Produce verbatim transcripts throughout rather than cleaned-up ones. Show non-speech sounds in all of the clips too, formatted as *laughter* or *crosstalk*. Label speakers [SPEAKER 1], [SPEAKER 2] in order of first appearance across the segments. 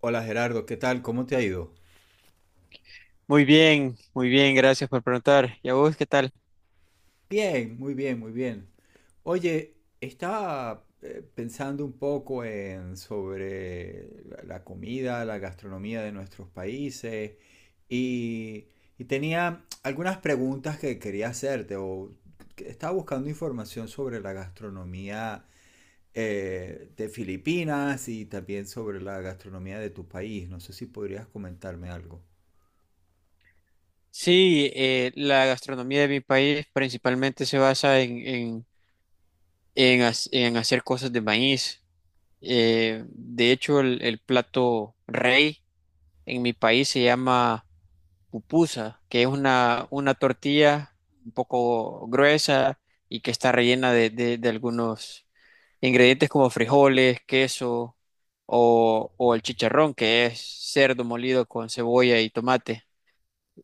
[SPEAKER 1] Hola Gerardo, ¿qué tal? ¿Cómo te ha ido?
[SPEAKER 2] Muy bien, muy bien, gracias por preguntar. ¿Y a vos qué tal?
[SPEAKER 1] Bien, muy bien, muy bien. Oye, estaba eh, pensando un poco en sobre la la comida, la gastronomía de nuestros países y, y tenía algunas preguntas que quería hacerte o que estaba buscando información sobre la gastronomía eh, de Filipinas y también sobre la gastronomía de tu país. No sé si podrías comentarme algo.
[SPEAKER 2] Sí, eh, la gastronomía de mi país principalmente se basa en, en, en, hac- en hacer cosas de maíz. Eh, de hecho, el, el plato rey en mi país se llama pupusa, que es una, una tortilla un poco gruesa y que está rellena de, de, de algunos ingredientes como frijoles, queso o, o el chicharrón, que es cerdo molido con cebolla y tomate.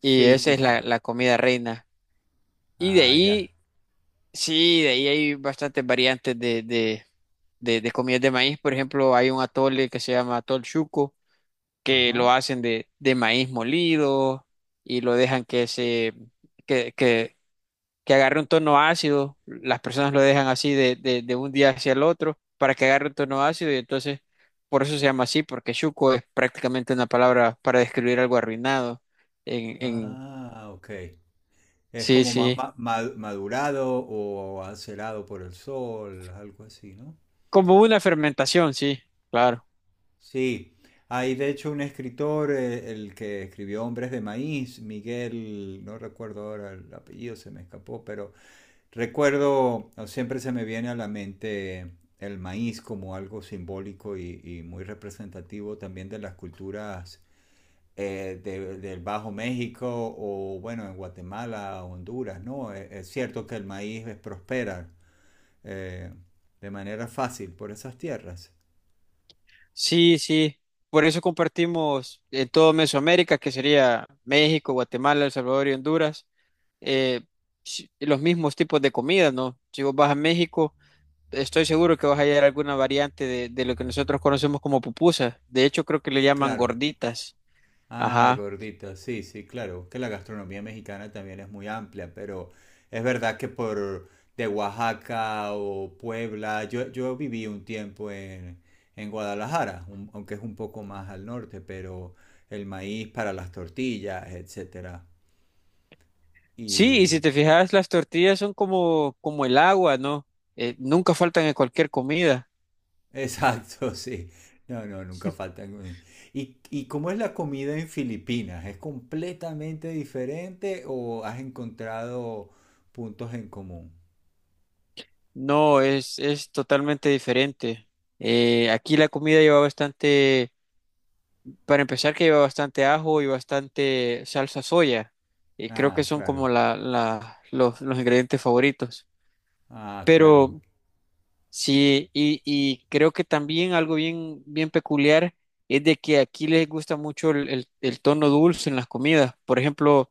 [SPEAKER 2] Y esa
[SPEAKER 1] sí,
[SPEAKER 2] es la,
[SPEAKER 1] sí.
[SPEAKER 2] la comida reina. Y de
[SPEAKER 1] Ah, ya.
[SPEAKER 2] ahí, sí, de ahí hay bastantes variantes de, de, de, de comidas de maíz. Por ejemplo, hay un atole que se llama atol chuco, que lo
[SPEAKER 1] Ajá.
[SPEAKER 2] hacen de, de maíz molido y lo dejan que se, que, que, que agarre un tono ácido. Las personas lo dejan así de, de, de un día hacia el otro para que agarre un tono ácido y entonces, por eso se llama así, porque chuco es prácticamente una palabra para describir algo arruinado. En, en,
[SPEAKER 1] Ah, ok. Es
[SPEAKER 2] sí,
[SPEAKER 1] como más
[SPEAKER 2] sí.
[SPEAKER 1] ma- ma- madurado o acelado por el sol, algo así, ¿no?
[SPEAKER 2] Como una fermentación, sí, claro.
[SPEAKER 1] Sí, hay de hecho un escritor, eh, el que escribió Hombres de Maíz, Miguel, no recuerdo ahora el apellido, se me escapó, pero recuerdo, o siempre se me viene a la mente el maíz como algo simbólico y, y muy representativo también de las culturas eh, de- del Bajo México o bueno, en Guatemala, Honduras, ¿no? Es, es cierto que el maíz es prospera eh, de manera fácil por esas tierras.
[SPEAKER 2] Sí, sí. Por eso compartimos en todo Mesoamérica, que sería México, Guatemala, El Salvador y Honduras, eh, si- los mismos tipos de comida, ¿no? Si vos vas a México, estoy seguro que vas a hallar alguna variante de, de lo que nosotros conocemos como pupusas. De hecho, creo que le llaman
[SPEAKER 1] Claro.
[SPEAKER 2] gorditas.
[SPEAKER 1] Ah,
[SPEAKER 2] Ajá.
[SPEAKER 1] gordita, sí, sí, claro. Que la gastronomía mexicana también es muy amplia, pero es verdad que por de Oaxaca o Puebla, yo, yo viví un tiempo en, en Guadalajara, un- aunque es un poco más al norte, pero el maíz para las tortillas, etcétera.
[SPEAKER 2] Sí, y
[SPEAKER 1] Y
[SPEAKER 2] si te fijas, las tortillas son como, como el agua, ¿no? Eh, nunca faltan en cualquier comida.
[SPEAKER 1] exacto, *laughs* sí. No, no, nunca faltan. ¿Y, y cómo es la comida en Filipinas? ¿Es completamente diferente o has encontrado puntos en común?
[SPEAKER 2] No, es, es totalmente diferente. Eh, aquí la comida lleva bastante, para empezar, que lleva bastante ajo y bastante salsa soya. Y creo que
[SPEAKER 1] Ah,
[SPEAKER 2] son
[SPEAKER 1] claro.
[SPEAKER 2] como la, la- los, los ingredientes favoritos.
[SPEAKER 1] Ah, claro.
[SPEAKER 2] Pero sí, y, y creo que también algo bien, bien peculiar es de que aquí les gusta mucho el, el el tono dulce en las comidas. Por ejemplo,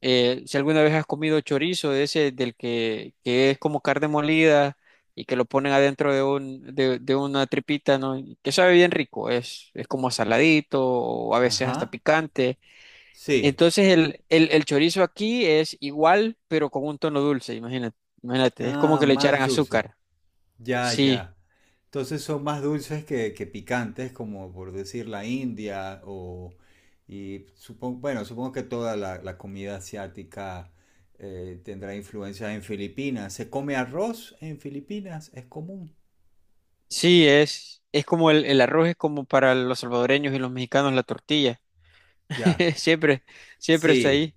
[SPEAKER 2] eh, si alguna vez has comido chorizo de ese, del que, que es como carne molida y que lo ponen adentro de un, de, de una tripita, ¿no? Y Que sabe bien rico, es, es como saladito o a veces hasta
[SPEAKER 1] Ajá.
[SPEAKER 2] picante.
[SPEAKER 1] Sí.
[SPEAKER 2] Entonces el, el, el chorizo aquí es igual, pero con un tono dulce, imagínate, imagínate, es como
[SPEAKER 1] Ah,
[SPEAKER 2] que le echaran
[SPEAKER 1] más dulce.
[SPEAKER 2] azúcar.
[SPEAKER 1] Ya,
[SPEAKER 2] Sí,
[SPEAKER 1] ya. Entonces son más dulces que, que picantes, como por decir la India o... Y supongo, bueno, supongo que toda la, la comida asiática eh, tendrá influencia en Filipinas. ¿Se come arroz en Filipinas? Es común.
[SPEAKER 2] sí, es, es como el, el arroz es como para los salvadoreños y los mexicanos la tortilla.
[SPEAKER 1] Ya,
[SPEAKER 2] *laughs* Siempre, siempre está
[SPEAKER 1] sí,
[SPEAKER 2] ahí.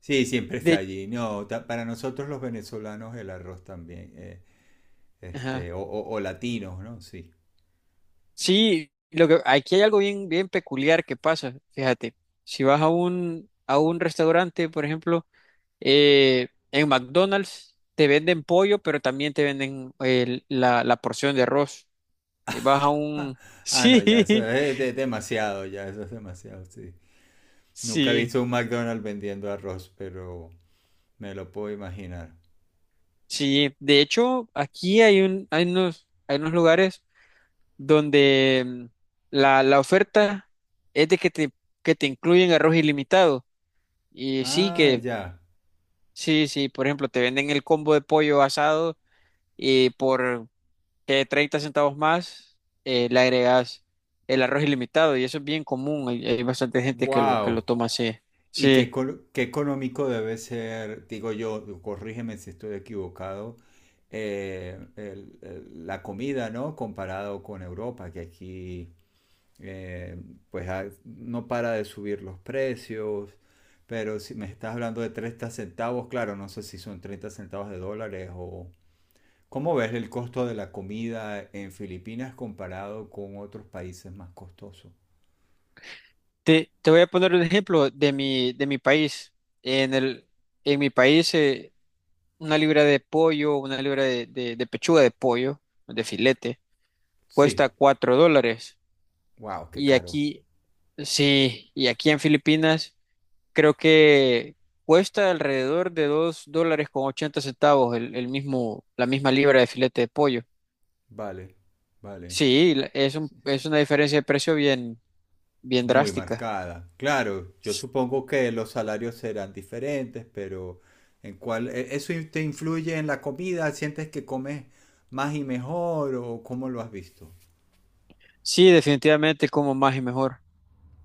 [SPEAKER 1] sí, siempre está
[SPEAKER 2] De,
[SPEAKER 1] allí. No, ta- para nosotros los venezolanos el arroz también, eh,
[SPEAKER 2] ajá.
[SPEAKER 1] este, o, o- o latinos, ¿no? Sí.
[SPEAKER 2] Sí, lo que, aquí hay algo bien, bien peculiar que pasa, fíjate, si vas a un, a un restaurante, por ejemplo, eh, en McDonald's te venden pollo, pero también te venden el- la, la porción de arroz. Y vas a un... *laughs*
[SPEAKER 1] Ah,
[SPEAKER 2] Sí,
[SPEAKER 1] no, ya eso es de- demasiado, ya eso es demasiado, sí. Nunca he
[SPEAKER 2] sí,
[SPEAKER 1] visto un McDonald's vendiendo arroz, pero me lo puedo imaginar.
[SPEAKER 2] sí. De hecho, aquí hay un, hay unos, hay unos lugares donde mm, la, la oferta es de que te, que te incluyen arroz ilimitado. Y sí,
[SPEAKER 1] Ah,
[SPEAKER 2] que
[SPEAKER 1] ya.
[SPEAKER 2] Sí, sí, por ejemplo, te venden el combo de pollo asado y por que 30 centavos más eh, le agregas el arroz ilimitado y eso es bien común, hay, hay bastante gente que lo, que lo
[SPEAKER 1] Wow.
[SPEAKER 2] toma así.
[SPEAKER 1] ¿Y qué,
[SPEAKER 2] Sí,
[SPEAKER 1] col- qué económico debe ser, digo yo, corrígeme si estoy equivocado, eh, el- el- la comida, ¿no? Comparado con Europa, que aquí eh, pues ha- no para de subir los precios, pero si me estás hablando de treinta centavos, claro, no sé si son treinta centavos de dólares o... ¿Cómo ves el costo de la comida en Filipinas comparado con otros países más costosos?
[SPEAKER 2] te, te voy a poner un ejemplo de mi, de mi país. En el, en mi país, eh, una libra de pollo, una libra de, de, de pechuga de pollo, de filete, cuesta
[SPEAKER 1] Sí.
[SPEAKER 2] cuatro dólares.
[SPEAKER 1] Wow, qué
[SPEAKER 2] Y
[SPEAKER 1] caro.
[SPEAKER 2] aquí, sí, y aquí en Filipinas creo que cuesta alrededor de dos dólares con ochenta centavos el, el mismo, la misma libra de filete de pollo.
[SPEAKER 1] Vale, vale.
[SPEAKER 2] Sí, la- es un- es una diferencia de precio bien, bien
[SPEAKER 1] Muy
[SPEAKER 2] drástica.
[SPEAKER 1] marcada. Claro, yo supongo que los salarios serán diferentes, pero ¿en cuál? e- ¿Eso in- te influye en la comida? ¿Sientes que comes más y mejor o cómo lo has visto?
[SPEAKER 2] Sí, definitivamente como más y mejor.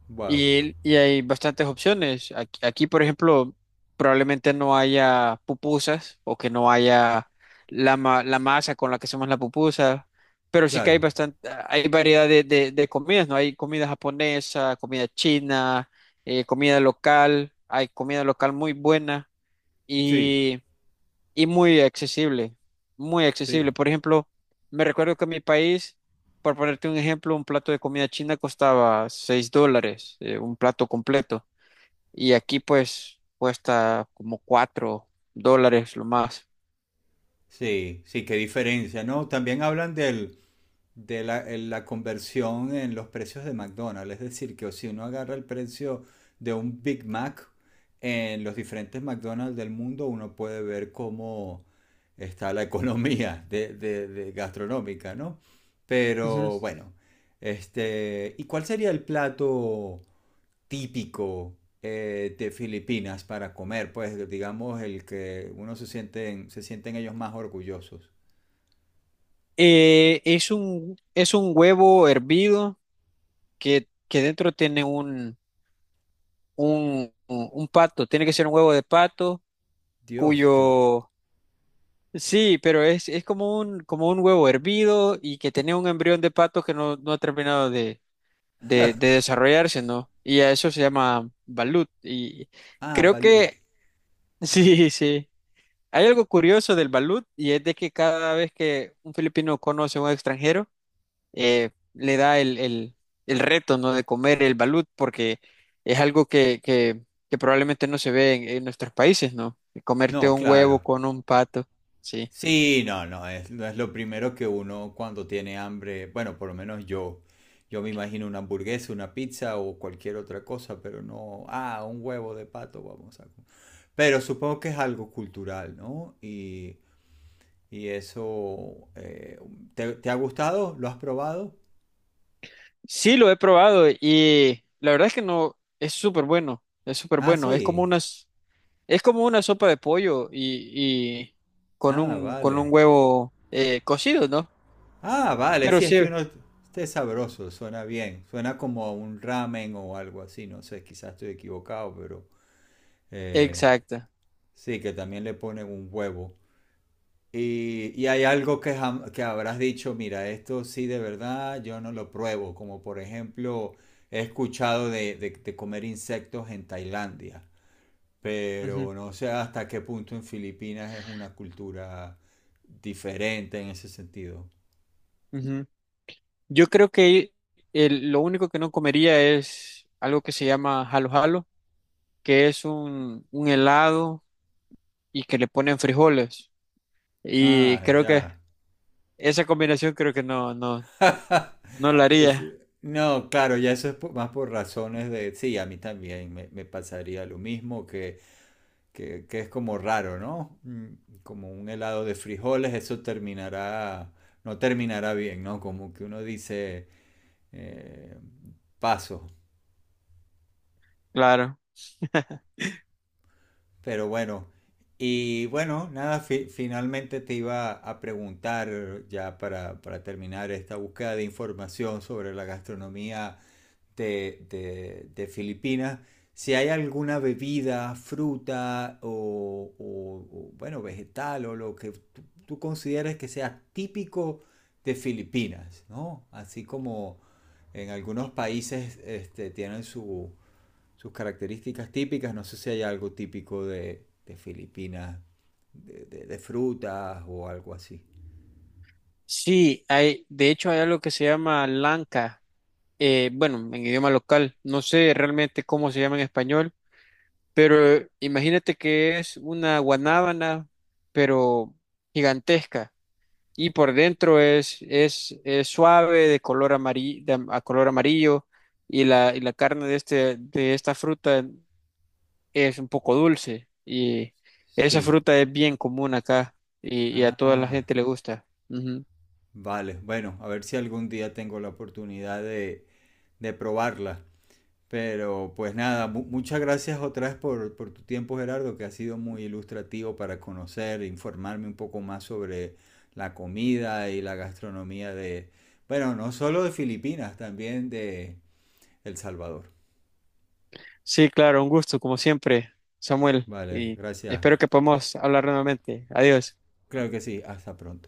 [SPEAKER 1] Wow,
[SPEAKER 2] Y, y hay bastantes opciones. Aquí, aquí, por ejemplo, probablemente no haya pupusas o que no haya la, ma- la masa con la que hacemos la pupusa, pero sí que hay
[SPEAKER 1] claro.
[SPEAKER 2] bastante, hay variedad de, de- de comidas, ¿no? Hay comida japonesa, comida china, eh, comida local, hay comida local muy buena
[SPEAKER 1] Sí,
[SPEAKER 2] y muy accesible, muy accesible.
[SPEAKER 1] sí.
[SPEAKER 2] Por ejemplo, me recuerdo que en mi país, por ponerte un ejemplo, un plato de comida china costaba seis dólares, eh, un plato completo, y aquí pues cuesta como cuatro dólares lo más.
[SPEAKER 1] Sí, sí, qué diferencia, ¿no? También hablan del de la, en la conversión en los precios de McDonald's. Es decir, que si uno agarra el precio de un Big Mac en los diferentes McDonald's del mundo, uno puede ver cómo está la *laughs* economía de, de- de gastronómica, ¿no?
[SPEAKER 2] Ujú.
[SPEAKER 1] Pero bueno, este, ¿y cuál sería el plato típico eh, de Filipinas para comer? Pues digamos el que uno se sienten, se sienten ellos más orgullosos.
[SPEAKER 2] Eh, es un, es un huevo hervido que, que dentro tiene un, un, un pato, tiene que ser un huevo de pato
[SPEAKER 1] Dios, qué... r-
[SPEAKER 2] cuyo Sí, pero es, es como un, como un, huevo hervido y que tenía un embrión de pato que no, no ha terminado de, de, de desarrollarse, ¿no? Y a eso se llama balut. Y
[SPEAKER 1] Ah,
[SPEAKER 2] creo que,
[SPEAKER 1] balut.
[SPEAKER 2] *laughs* sí, sí. Hay algo curioso del balut y es de que cada vez que un filipino conoce a un extranjero, eh, le da el, el, el reto, ¿no? De comer el balut porque es algo que, que, que probablemente no se ve en, en nuestros países, ¿no? Comerte
[SPEAKER 1] No,
[SPEAKER 2] un huevo
[SPEAKER 1] claro.
[SPEAKER 2] con un pato, sí.
[SPEAKER 1] Sí, no, no es, no es lo primero que uno cuando tiene hambre, bueno, por lo menos yo, yo me imagino una hamburguesa, una pizza o cualquier otra cosa, pero no, ah, un huevo de pato, vamos a... co- Pero supongo que es algo cultural, ¿no? Y, y eso, eh, ¿te, te ha gustado? ¿Lo has probado?
[SPEAKER 2] Sí, lo he probado y la verdad es que no, es súper bueno, es súper
[SPEAKER 1] Ah,
[SPEAKER 2] bueno. Es como
[SPEAKER 1] sí.
[SPEAKER 2] unas es como una sopa de pollo y, y con
[SPEAKER 1] Ah,
[SPEAKER 2] un, con un
[SPEAKER 1] vale.
[SPEAKER 2] huevo eh, cocido, ¿no?
[SPEAKER 1] Ah, vale,
[SPEAKER 2] Pero
[SPEAKER 1] sí, es
[SPEAKER 2] sí,
[SPEAKER 1] que uno... Este es sabroso, suena bien. Suena como a un ramen o algo así, no sé, quizás estoy equivocado, pero... Eh,
[SPEAKER 2] exacto.
[SPEAKER 1] sí, que también le ponen un huevo. Y, y hay algo que, jam- que habrás dicho, mira, esto sí de verdad yo no lo pruebo, como por ejemplo he escuchado de, de- de comer insectos en Tailandia,
[SPEAKER 2] Ujú,
[SPEAKER 1] pero no sé hasta qué punto en Filipinas es una cultura diferente en ese sentido.
[SPEAKER 2] ujú. Yo creo que el- lo único que no comería es algo que se llama jalo jalo, que es un, un helado y que le ponen frijoles. Y
[SPEAKER 1] Ah,
[SPEAKER 2] creo que
[SPEAKER 1] ya.
[SPEAKER 2] esa combinación creo que no, no, no la
[SPEAKER 1] *laughs* Es-
[SPEAKER 2] haría,
[SPEAKER 1] no, claro, ya eso es po- más por razones de, sí, a mí también me, me pasaría lo mismo que que, que es como raro, ¿no? Mm, como un helado de frijoles, eso terminará, no terminará bien, ¿no? Como que uno dice, eh, paso,
[SPEAKER 2] claro. *laughs*
[SPEAKER 1] pero bueno, y bueno, nada, fi- finalmente te iba a preguntar ya para, para terminar esta búsqueda de información sobre la gastronomía de, de- de Filipinas, si hay alguna bebida, fruta o, o- o, bueno, vegetal o lo que tú, tú consideres que sea típico de Filipinas, ¿no? Así como en algunos países este, tienen su sus características típicas. No sé si hay algo típico de, de Filipinas, de, de- de frutas o algo así.
[SPEAKER 2] Sí, hay, de hecho hay algo que se llama lanca, eh, bueno, en idioma local, no sé realmente cómo se llama en español, pero eh, imagínate que es una guanábana, pero gigantesca, y por dentro es, es, es suave, de color amarillo, a color amarillo, y la, y la carne de, este, de esta fruta es un poco dulce, y esa
[SPEAKER 1] Sí.
[SPEAKER 2] fruta es bien común acá, y, y a toda la
[SPEAKER 1] Ah,
[SPEAKER 2] gente le gusta.
[SPEAKER 1] vale. Bueno, a ver si algún día tengo la oportunidad de, de probarla. Pero pues nada, mu- muchas gracias otra vez por, por tu tiempo, Gerardo, que ha sido muy ilustrativo para conocer, informarme un poco más sobre la comida y la gastronomía de, bueno, no solo de Filipinas, también de El Salvador.
[SPEAKER 2] Sí, claro, un gusto, como siempre, Samuel,
[SPEAKER 1] Vale,
[SPEAKER 2] y
[SPEAKER 1] gracias.
[SPEAKER 2] espero que podamos hablar nuevamente. Adiós.
[SPEAKER 1] Claro que sí, hasta pronto.